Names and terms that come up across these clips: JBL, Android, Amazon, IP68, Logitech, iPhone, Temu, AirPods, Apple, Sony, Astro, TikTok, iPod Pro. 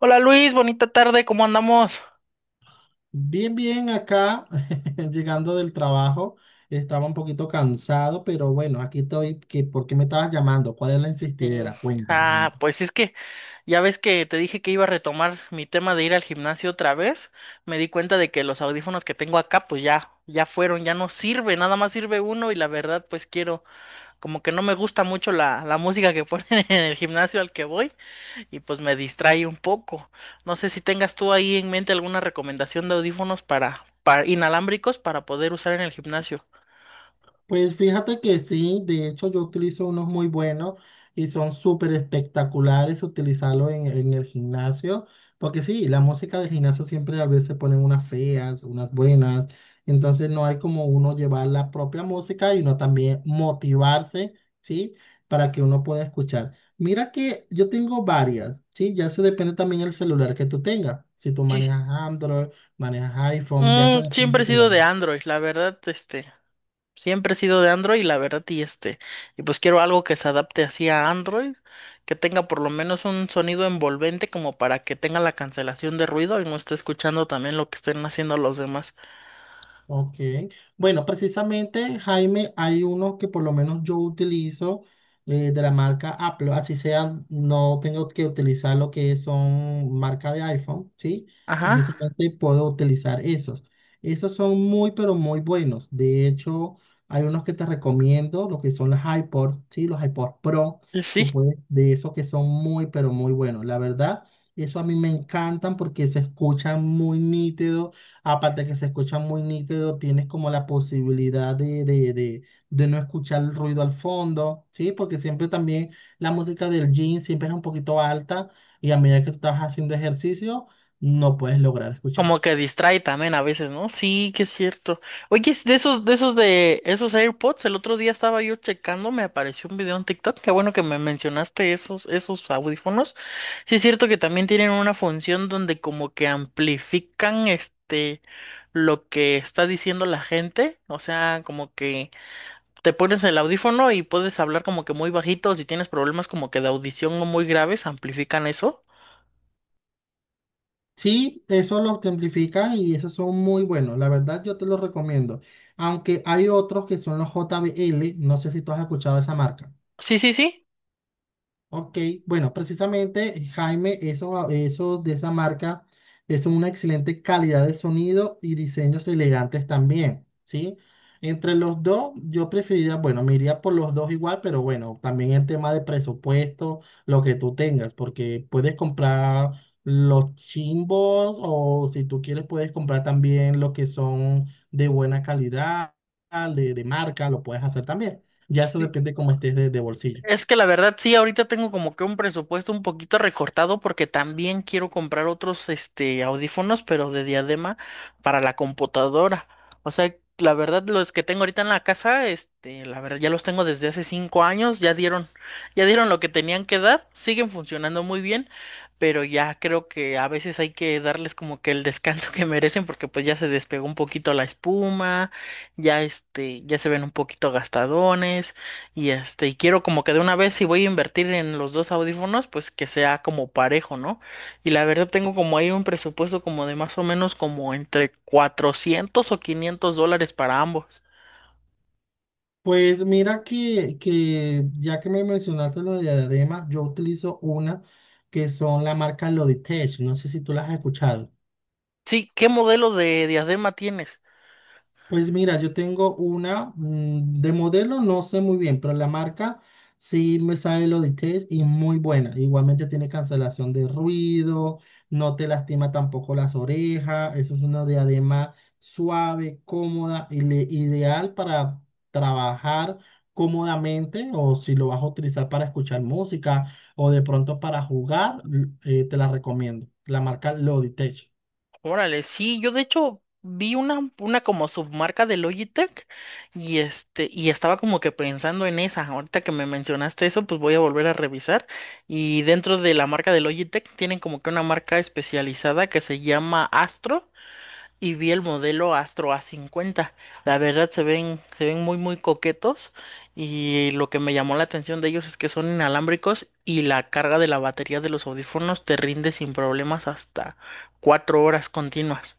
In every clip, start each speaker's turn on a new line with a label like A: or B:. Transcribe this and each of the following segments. A: Hola Luis, bonita tarde, ¿cómo andamos?
B: Bien, bien, acá, llegando del trabajo, estaba un poquito cansado, pero bueno, aquí estoy. ¿Qué- por qué me estabas llamando? ¿Cuál es la
A: Sí.
B: insistidera? Cuéntame.
A: Pues es que ya ves que te dije que iba a retomar mi tema de ir al gimnasio otra vez. Me di cuenta de que los audífonos que tengo acá, pues ya fueron, ya no sirve, nada más sirve uno y la verdad, pues quiero, como que no me gusta mucho la música que ponen en el gimnasio al que voy y pues me distrae un poco. No sé si tengas tú ahí en mente alguna recomendación de audífonos para inalámbricos para poder usar en el gimnasio.
B: Pues fíjate que sí, de hecho yo utilizo unos muy buenos y son súper espectaculares utilizarlos en el gimnasio, porque sí, la música del gimnasio siempre a veces ponen unas feas, unas buenas, entonces no hay como uno llevar la propia música y uno también motivarse, ¿sí? Para que uno pueda escuchar. Mira que yo tengo varias, ¿sí? Ya eso depende también del celular que tú tengas, si tú manejas Android, manejas iPhone, ya eso depende
A: Siempre he
B: de que
A: sido de
B: manejes.
A: Android, la verdad, siempre he sido de Android, la verdad, y este, y pues quiero algo que se adapte así a Android, que tenga por lo menos un sonido envolvente como para que tenga la cancelación de ruido y no esté escuchando también lo que estén haciendo los demás.
B: Ok. Bueno, precisamente, Jaime, hay unos que por lo menos yo utilizo de la marca Apple, así sea, no tengo que utilizar lo que son marca de iPhone, ¿sí?
A: Ajá,
B: Precisamente puedo utilizar esos. Esos son muy, pero muy buenos. De hecho, hay unos que te recomiendo, lo que son los iPod, ¿sí? Los iPod Pro,
A: y
B: tú
A: sí.
B: puedes, de esos que son muy, pero muy buenos. La verdad, eso a mí me encantan porque se escuchan muy nítidos. Aparte que se escucha muy nítido, tienes como la posibilidad de no escuchar el ruido al fondo, ¿sí? Porque siempre también la música del gym siempre es un poquito alta y a medida que estás haciendo ejercicio, no puedes lograr escuchar.
A: Como que distrae también a veces, ¿no? Sí, que es cierto. Oye, es de esos, de esos AirPods, el otro día estaba yo checando, me apareció un video en TikTok. Qué bueno que me mencionaste esos, esos audífonos. Sí, es cierto que también tienen una función donde como que amplifican lo que está diciendo la gente. O sea, como que te pones el audífono y puedes hablar como que muy bajito. Si tienes problemas como que de audición no muy graves, amplifican eso.
B: Sí, eso lo simplifica y esos son muy buenos. La verdad, yo te los recomiendo. Aunque hay otros que son los JBL, no sé si tú has escuchado esa marca.
A: Sí, sí, sí.
B: Ok, bueno, precisamente Jaime, eso, esos de esa marca es una excelente calidad de sonido y diseños elegantes también, ¿sí? Entre los dos, yo preferiría, bueno, me iría por los dos igual, pero bueno, también el tema de presupuesto, lo que tú tengas, porque puedes comprar los chimbos o si tú quieres puedes comprar también lo que son de buena calidad, de marca, lo puedes hacer también. Ya eso
A: Sí,
B: depende cómo estés de bolsillo.
A: es que la verdad sí, ahorita tengo como que un presupuesto un poquito recortado porque también quiero comprar otros audífonos, pero de diadema para la computadora. O sea, la verdad los que tengo ahorita en la casa, la verdad ya los tengo desde hace 5 años, ya dieron lo que tenían que dar, siguen funcionando muy bien, pero ya creo que a veces hay que darles como que el descanso que merecen porque pues ya se despegó un poquito la espuma, ya se ven un poquito gastadones. Y quiero como que de una vez si voy a invertir en los dos audífonos, pues que sea como parejo, ¿no? Y la verdad tengo como ahí un presupuesto como de más o menos como entre $400 o $500 para ambos.
B: Pues mira que ya que me mencionaste lo de diadema, yo utilizo una que son la marca Logitech. No sé si tú las has escuchado.
A: Sí, ¿qué modelo de diadema tienes?
B: Pues mira, yo tengo una de modelo, no sé muy bien, pero la marca sí me sabe los detalles y muy buena. Igualmente tiene cancelación de ruido, no te lastima tampoco las orejas. Eso es una diadema suave, cómoda y ideal para trabajar cómodamente o si lo vas a utilizar para escuchar música o de pronto para jugar, te la recomiendo. La marca Logitech.
A: Órale, sí, yo de hecho vi una como submarca de Logitech y estaba como que pensando en esa. Ahorita que me mencionaste eso, pues voy a volver a revisar. Y dentro de la marca de Logitech tienen como que una marca especializada que se llama Astro, y vi el modelo Astro A50. La verdad se ven muy muy coquetos y lo que me llamó la atención de ellos es que son inalámbricos y la carga de la batería de los audífonos te rinde sin problemas hasta 4 horas continuas.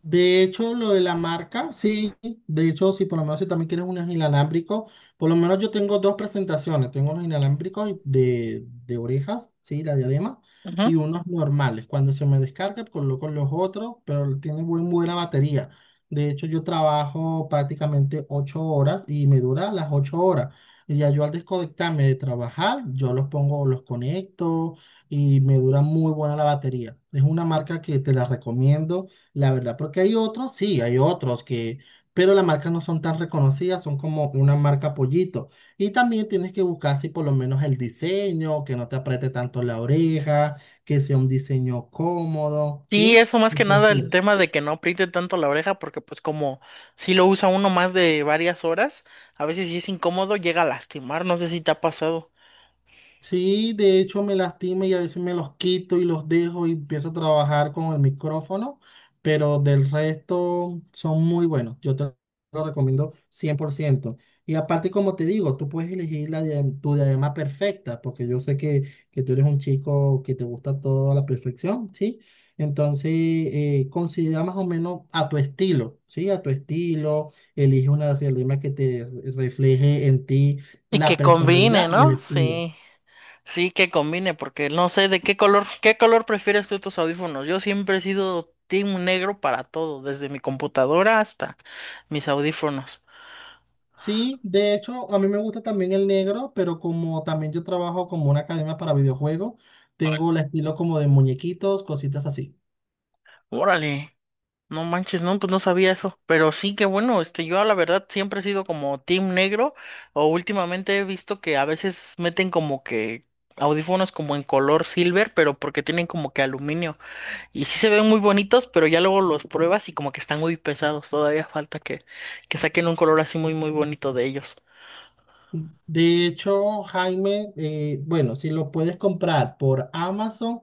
B: De hecho, lo de la marca, sí, de hecho, sí, por lo menos si también quieres unos inalámbricos, por lo menos yo tengo dos presentaciones, tengo unos inalámbricos de orejas, sí, la diadema, y
A: Ujú.
B: unos normales. Cuando se me descarga, coloco los otros, pero tiene buena batería. De hecho, yo trabajo prácticamente 8 horas y me dura las 8 horas. Y ya yo al desconectarme de trabajar, yo los pongo, los conecto y me dura muy buena la batería. Es una marca que te la recomiendo la verdad, porque hay otros, sí, hay otros que, pero las marcas no son tan reconocidas, son como una marca pollito. Y también tienes que buscar si por lo menos el diseño, que no te apriete tanto la oreja, que sea un diseño cómodo,
A: Sí,
B: ¿sí?
A: eso más que
B: Entonces,
A: nada el
B: sí.
A: tema de que no apriete tanto la oreja porque pues como si lo usa uno más de varias horas, a veces si es incómodo llega a lastimar, no sé si te ha pasado.
B: Sí, de hecho me lastima y a veces me los quito y los dejo y empiezo a trabajar con el micrófono, pero del resto son muy buenos. Yo te lo recomiendo 100%. Y aparte, como te digo, tú puedes elegir la tu diadema perfecta, porque yo sé que tú eres un chico que te gusta toda la perfección, ¿sí? Entonces, considera más o menos a tu estilo, ¿sí? A tu estilo, elige una diadema que te refleje en ti
A: Y
B: la
A: que combine,
B: personalidad y el
A: ¿no?
B: estilo.
A: Sí. Sí, que combine, porque no sé de qué color prefieres tú tus audífonos. Yo siempre he sido team negro para todo, desde mi computadora hasta mis audífonos.
B: Sí, de hecho, a mí me gusta también el negro, pero como también yo trabajo como una academia para videojuegos, tengo el estilo como de muñequitos, cositas así.
A: Órale, no manches, no, pues no sabía eso. Pero sí que bueno, yo la verdad siempre he sido como team negro, o últimamente he visto que a veces meten como que audífonos como en color silver, pero porque tienen como que aluminio. Y sí se ven muy bonitos, pero ya luego los pruebas y como que están muy pesados. Todavía falta que saquen un color así muy, muy bonito de ellos.
B: De hecho, Jaime, bueno, si lo puedes comprar por Amazon,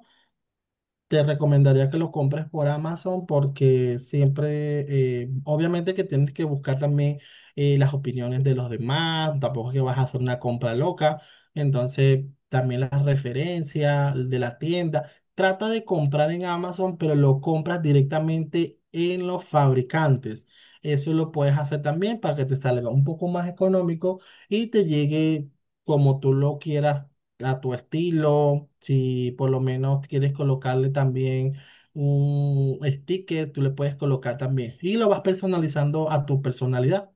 B: te recomendaría que lo compres por Amazon porque siempre, obviamente que tienes que buscar también las opiniones de los demás, tampoco es que vas a hacer una compra loca, entonces también las referencias de la tienda. Trata de comprar en Amazon, pero lo compras directamente en los fabricantes. Eso lo puedes hacer también para que te salga un poco más económico y te llegue como tú lo quieras a tu estilo, si por lo menos quieres colocarle también un sticker, tú le puedes colocar también y lo vas personalizando a tu personalidad.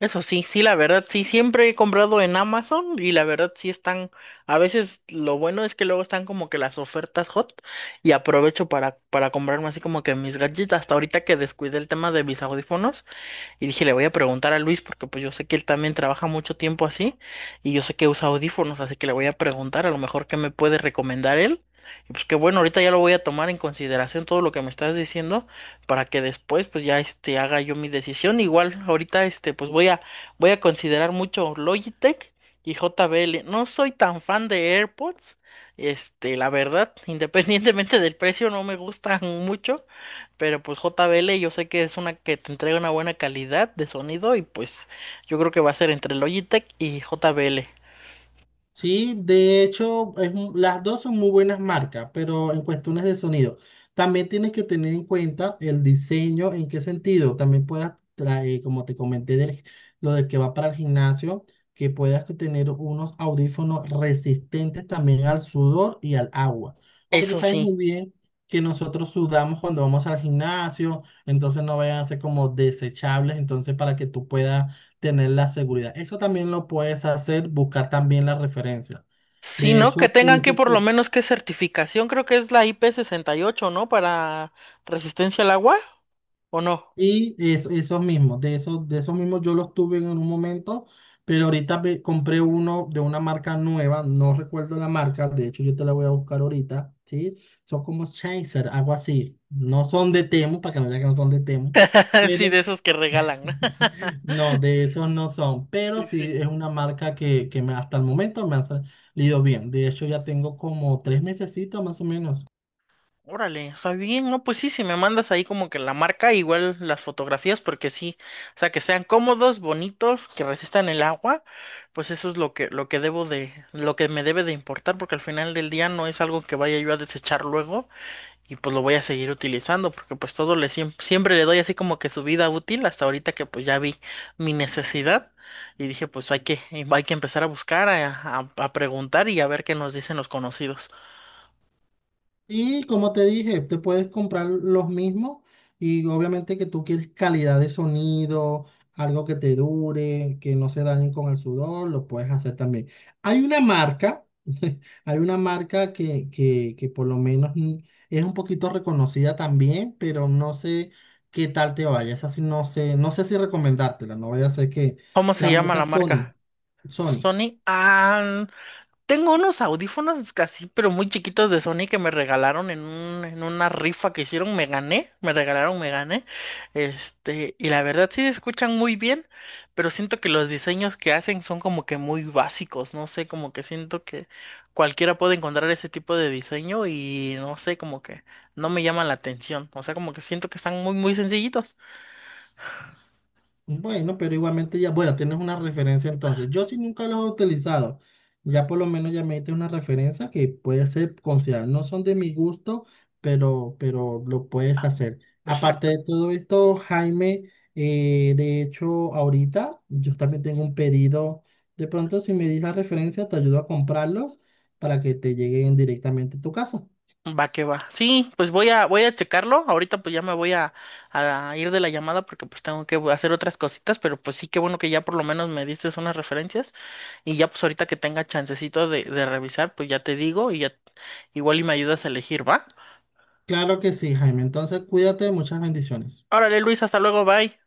A: Eso sí, sí, la verdad, sí, siempre he comprado en Amazon y la verdad sí están, a veces lo bueno es que luego están como que las ofertas hot y aprovecho para comprarme así como que mis gadgets, hasta ahorita que descuidé el tema de mis audífonos. Y dije, le voy a preguntar a Luis porque pues yo sé que él también trabaja mucho tiempo así y yo sé que usa audífonos, así que le voy a preguntar a lo mejor qué me puede recomendar él. Y pues que bueno, ahorita ya lo voy a tomar en consideración todo lo que me estás diciendo para que después pues ya haga yo mi decisión. Igual ahorita pues voy a considerar mucho Logitech y JBL. No soy tan fan de AirPods. La verdad, independientemente del precio, no me gustan mucho. Pero pues JBL yo sé que es una que te entrega una buena calidad de sonido y pues yo creo que va a ser entre Logitech y JBL.
B: Sí, de hecho, es las dos son muy buenas marcas, pero en cuestiones de sonido, también tienes que tener en cuenta el diseño, en qué sentido. También puedas traer, como te comenté, lo de que va para el gimnasio, que puedas que tener unos audífonos resistentes también al sudor y al agua. Porque tú
A: Eso
B: sabes muy
A: sí.
B: bien que nosotros sudamos cuando vamos al gimnasio, entonces no vayan a ser como desechables, entonces para que tú puedas tener la seguridad. Eso también lo puedes hacer, buscar también la referencia.
A: Sí,
B: De
A: ¿no? Que
B: hecho, por
A: tengan que
B: eso,
A: por lo menos que certificación, creo que es la IP68, ¿no? Para resistencia al agua, ¿o no?
B: y eso, esos mismos, de esos mismos yo los tuve en un momento, pero ahorita compré uno de una marca nueva, no recuerdo la marca, de hecho yo te la voy a buscar ahorita, ¿sí? Son como Chaser, algo así. No son de Temu, para que no digan que no son de Temu,
A: Sí,
B: pero
A: de esos que regalan. ¿No?
B: no, de esos no son, pero
A: Sí,
B: sí
A: sí.
B: es una marca que, hasta el momento me ha salido bien. De hecho, ya tengo como 3 mesecitos más o menos.
A: Órale, o sea, bien, no, pues sí, si me mandas ahí como que la marca, igual las fotografías, porque sí, o sea, que sean cómodos, bonitos, que resistan el agua, pues eso es lo lo que debo de, lo que me debe de importar, porque al final del día no es algo que vaya yo a desechar luego, y pues lo voy a seguir utilizando, porque pues todo le siempre le doy así como que su vida útil, hasta ahorita que pues ya vi mi necesidad, y dije, pues hay hay que empezar a buscar, a preguntar y a ver qué nos dicen los conocidos.
B: Y como te dije, te puedes comprar los mismos y obviamente que tú quieres calidad de sonido, algo que te dure, que no se dañen con el sudor, lo puedes hacer también. Hay una marca, hay una marca que por lo menos es un poquito reconocida también, pero no sé qué tal te vaya. Esa sí no sé, no sé si recomendártela, no voy a hacer que
A: ¿Cómo se
B: la
A: llama la
B: marca Sony,
A: marca?
B: Sony.
A: Sony, ah, tengo unos audífonos casi, pero muy chiquitos de Sony que me regalaron en en una rifa que hicieron, me gané, y la verdad sí se escuchan muy bien, pero siento que los diseños que hacen son como que muy básicos, no sé, como que siento que cualquiera puede encontrar ese tipo de diseño y no sé, como que no me llama la atención, o sea, como que siento que están muy, muy sencillitos.
B: Bueno, pero igualmente ya, bueno, tienes una referencia entonces. Yo sí nunca los he utilizado. Ya por lo menos ya me diste una referencia que puede ser considerada. No son de mi gusto, pero lo puedes hacer. Aparte de todo esto, Jaime, de hecho, ahorita yo también tengo un pedido. De pronto, si me dis la referencia, te ayudo a comprarlos para que te lleguen directamente a tu casa.
A: Va que va. Sí, pues voy a checarlo. Ahorita pues ya a ir de la llamada porque pues tengo que hacer otras cositas, pero pues sí, qué bueno que ya por lo menos me diste unas referencias y ya pues ahorita que tenga chancecito de revisar, pues ya te digo y ya igual y me ayudas a elegir, ¿va?
B: Claro que sí, Jaime. Entonces, cuídate, muchas bendiciones.
A: Órale, Luis, hasta luego, bye.